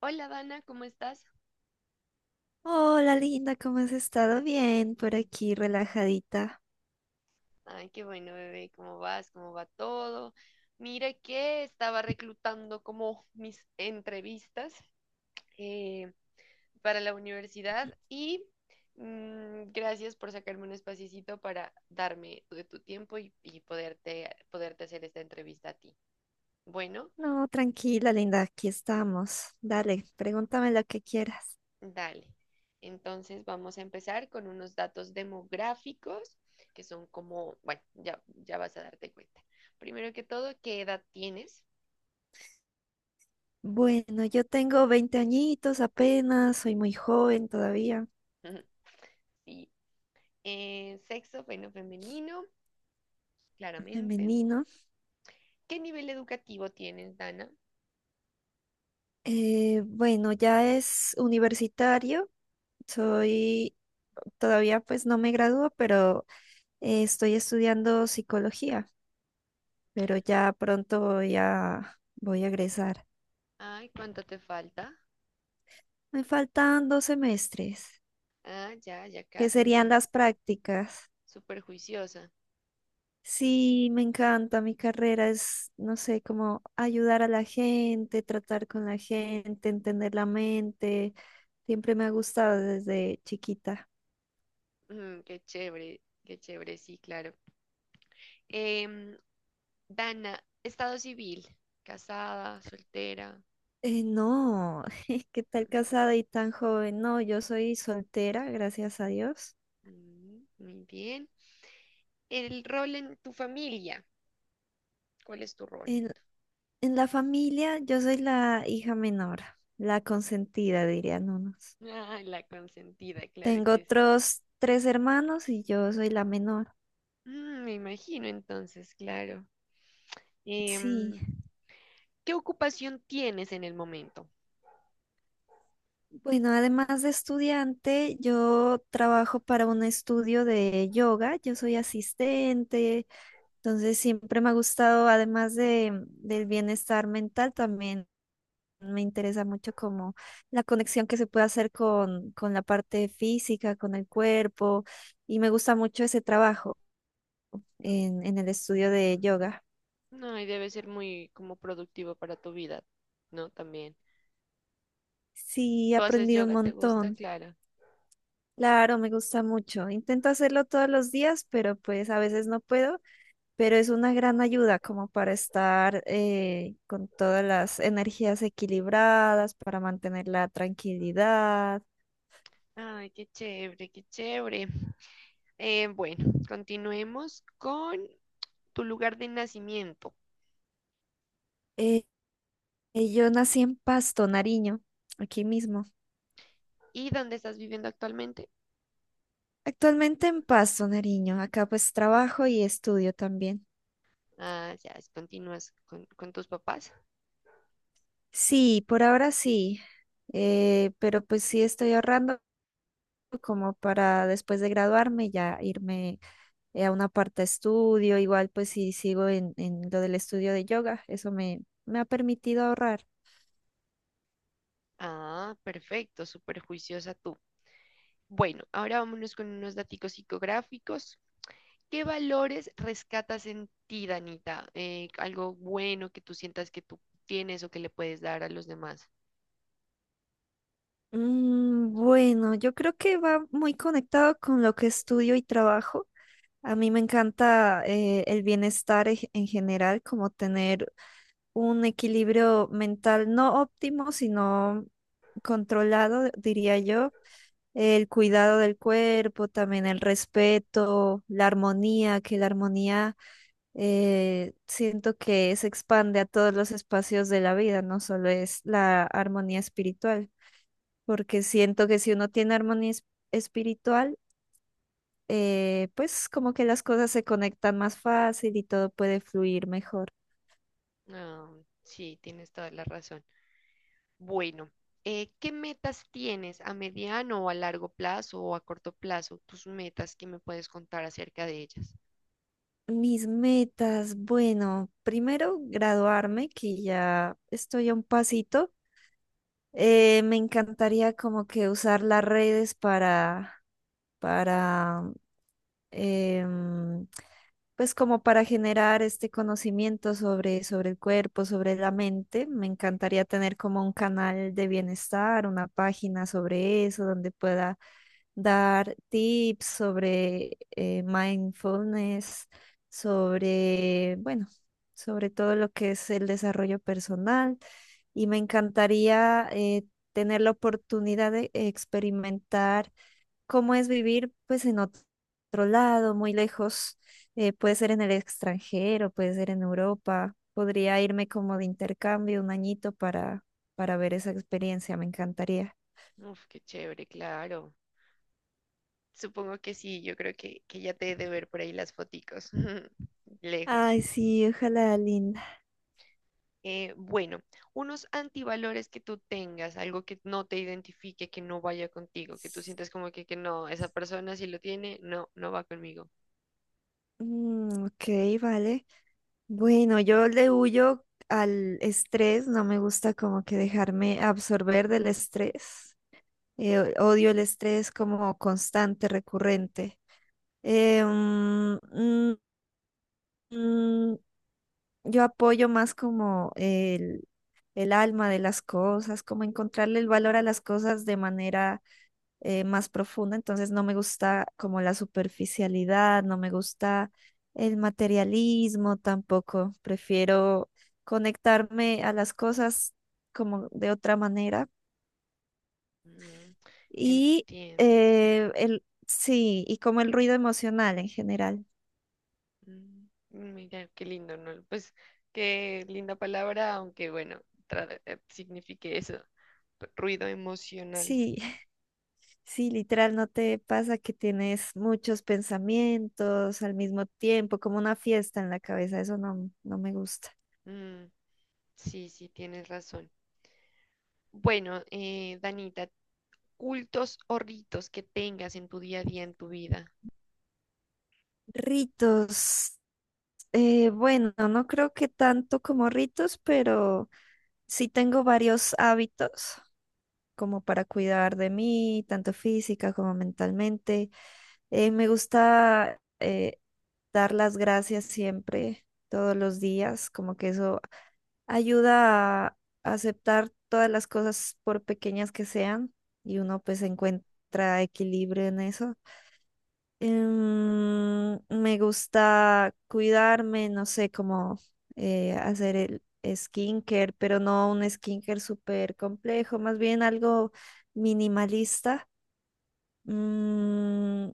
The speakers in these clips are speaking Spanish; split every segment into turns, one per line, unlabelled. Hola Dana, ¿cómo estás?
Hola, linda, ¿cómo has estado? Bien, por aquí, relajadita.
Ay, qué bueno, bebé, ¿cómo vas? ¿Cómo va todo? Mira que estaba reclutando como mis entrevistas eh, para la universidad y gracias por sacarme un espaciecito para darme de tu tiempo y poderte hacer esta entrevista a ti. Bueno,
No, tranquila, linda, aquí estamos. Dale, pregúntame lo que quieras.
dale. Entonces vamos a empezar con unos datos demográficos que son como, bueno, ya vas a darte cuenta. Primero que todo, ¿qué edad tienes?
Bueno, yo tengo 20 añitos apenas, soy muy joven todavía,
Sí. Sexo, bueno, femenino, claramente.
femenino.
¿Qué nivel educativo tienes, Dana?
Bueno, ya es universitario, soy, todavía pues no me gradúo, pero estoy estudiando psicología, pero ya pronto ya voy a egresar.
Ay, ¿cuánto te falta?
Me faltan 2 semestres,
Ah, ya, ya
que
casi,
serían
entonces,
las prácticas.
súper juiciosa.
Sí, me encanta, mi carrera es, no sé, como ayudar a la gente, tratar con la gente, entender la mente. Siempre me ha gustado desde chiquita.
Mm, qué chévere, sí, claro. Em, Dana, estado civil, casada, soltera.
No, ¿qué tal casada y tan joven? No, yo soy soltera, gracias a Dios.
Mm, muy bien. El rol en tu familia, ¿cuál es tu rol?
En, en la familia yo soy la hija menor, la consentida, dirían unos.
Ah, la consentida, claro
Tengo
que sí.
otros tres hermanos y yo soy la menor.
Mm, me imagino entonces, claro. Em,
Sí.
¿Qué ocupación tienes en el momento?
Bueno, además de estudiante, yo trabajo para un estudio de yoga, yo soy asistente, entonces siempre me ha gustado, además del bienestar mental, también me interesa mucho como la conexión que se puede hacer con la parte física, con el cuerpo, y me gusta mucho ese trabajo en el estudio de yoga.
No, y debe ser muy como productivo para tu vida, ¿no? También.
Sí, he
¿Tú haces
aprendido un
yoga? ¿Te gusta,
montón.
Clara?
Claro, me gusta mucho. Intento hacerlo todos los días, pero pues a veces no puedo, pero es una gran ayuda como para estar con todas las energías equilibradas, para mantener la tranquilidad.
Ay, qué chévere, qué chévere. Bueno, continuemos con tu lugar de nacimiento
Eh, yo nací en Pasto, Nariño, aquí mismo.
y dónde estás viviendo actualmente.
Actualmente en Pasto, Nariño. Acá pues trabajo y estudio también.
Ah, ya, continúas con tus papás.
Sí, por ahora sí, pero pues sí estoy ahorrando como para después de graduarme ya irme a una parte, estudio, igual pues si sigo en lo del estudio de yoga, eso me ha permitido ahorrar.
Ah, perfecto, súper juiciosa tú. Bueno, ahora vámonos con unos datos psicográficos. ¿Qué valores rescatas en ti, Danita? Algo bueno que tú sientas que tú tienes o que le puedes dar a los demás.
Mm, bueno, yo creo que va muy conectado con lo que estudio y trabajo. A mí me encanta el bienestar en general, como tener un equilibrio mental no óptimo, sino controlado, diría yo, el cuidado del cuerpo, también el respeto, la armonía, que la armonía siento que se expande a todos los espacios de la vida, no solo es la armonía espiritual, porque siento que si uno tiene armonía espiritual, pues como que las cosas se conectan más fácil y todo puede fluir mejor.
Ah, sí, tienes toda la razón. Bueno, ¿qué metas tienes a mediano o a largo plazo o a corto plazo? Tus metas, ¿qué me puedes contar acerca de ellas?
Mis metas, bueno, primero graduarme, que ya estoy a un pasito. Me encantaría como que usar las redes para, em, pues como para generar este conocimiento sobre el cuerpo, sobre la mente. Me encantaría tener como un canal de bienestar, una página sobre eso, donde pueda dar tips sobre mindfulness, sobre, bueno, sobre todo lo que es el desarrollo personal. Y me encantaría tener la oportunidad de experimentar cómo es vivir pues en otro lado, muy lejos. Puede ser en el extranjero, puede ser en Europa. Podría irme como de intercambio un añito para ver esa experiencia, me encantaría.
Uf, qué chévere, claro. Supongo que sí, yo creo que ya te he de ver por ahí las foticos. Lejos.
Ay, sí, ojalá, linda.
Bueno, unos antivalores que tú tengas, algo que no te identifique, que no vaya contigo, que tú sientas como que no, esa persona si lo tiene, no, no va conmigo.
Mm, ok, vale. Bueno, yo le huyo al estrés, no me gusta como que dejarme absorber del estrés. Odio el estrés como constante, recurrente. Eh, mm, mm, mm, yo apoyo más como el alma de las cosas, como encontrarle el valor a las cosas de manera más profunda, entonces no me gusta como la superficialidad, no me gusta el materialismo tampoco, prefiero conectarme a las cosas como de otra manera
Mm,
y
entiendo.
sí, y como el ruido emocional en general.
Mm, mira, qué lindo, ¿no? Pues qué linda palabra, aunque bueno, signifique eso, ruido emocional.
Sí, sí, literal, ¿no te pasa que tienes muchos pensamientos al mismo tiempo, como una fiesta en la cabeza? Eso no, no me gusta.
Mm, sí, sí, tienes razón. Bueno, Danita, cultos o ritos que tengas en tu día a día, en tu vida.
Ritos. Bueno, no creo que tanto como ritos, pero sí tengo varios hábitos como para cuidar de mí, tanto física como mentalmente. Me gusta dar las gracias siempre, todos los días, como que eso ayuda a aceptar todas las cosas por pequeñas que sean y uno pues encuentra equilibrio en eso. Me gusta cuidarme, no sé cómo hacer el skincare, pero no un skincare súper complejo, más bien algo minimalista. Mm,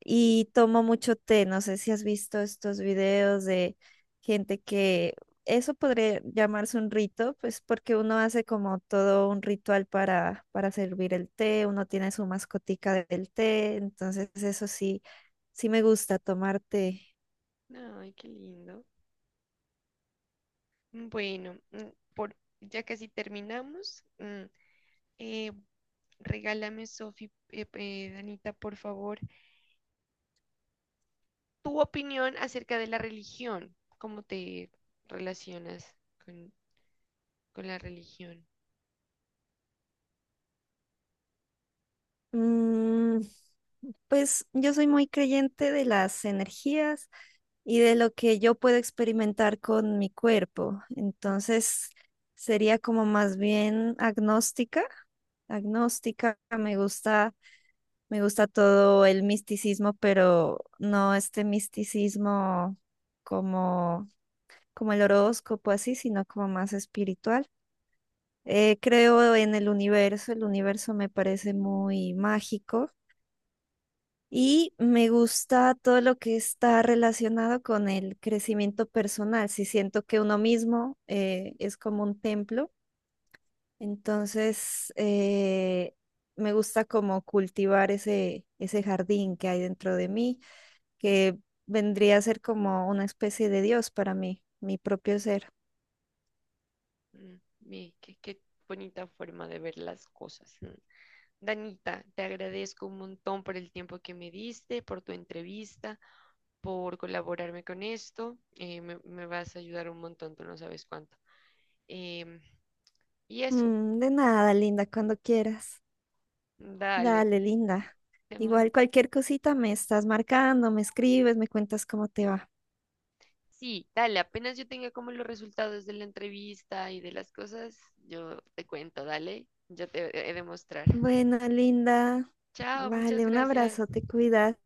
y tomo mucho té. No sé si has visto estos videos de gente que eso podría llamarse un rito, pues porque uno hace como todo un ritual para servir el té, uno tiene su mascotica del té, entonces eso sí, sí me gusta tomar té.
Ay, qué lindo. Mm, bueno, ya casi terminamos. Eh, regálame, Danita, por favor, tu opinión acerca de la religión. ¿Cómo te relacionas con, con la religión?
Mm, pues yo soy muy creyente de las energías y de lo que yo puedo experimentar con mi cuerpo. Entonces sería como más bien agnóstica. Agnóstica, me gusta todo el misticismo, pero no este misticismo como, como el horóscopo así, sino como más espiritual. Creo en el universo me parece muy mágico y me gusta todo lo que está relacionado con el crecimiento personal. Si siento que uno mismo es como un templo, entonces me gusta como cultivar ese jardín que hay dentro de mí, que vendría a ser como una especie de Dios para mí, mi propio ser.
Mm, ve, qué bonita forma de ver las cosas. Mm. Danita, te agradezco un montón por el tiempo que me diste, por tu entrevista, por colaborarme con esto. Eh, me vas a ayudar un montón, tú no sabes cuánto. Em, y eso,
Mm, de nada, linda, cuando quieras.
dale.
Dale, linda.
te man-
Igual cualquier cosita me estás marcando, me escribes, me cuentas cómo te va.
Sí, dale, apenas yo tenga como los resultados de la entrevista y de las cosas, yo te cuento, dale. Yo te he de mostrar.
Bueno, linda.
Chao, muchas
Vale, un
gracias.
abrazo, te cuidas.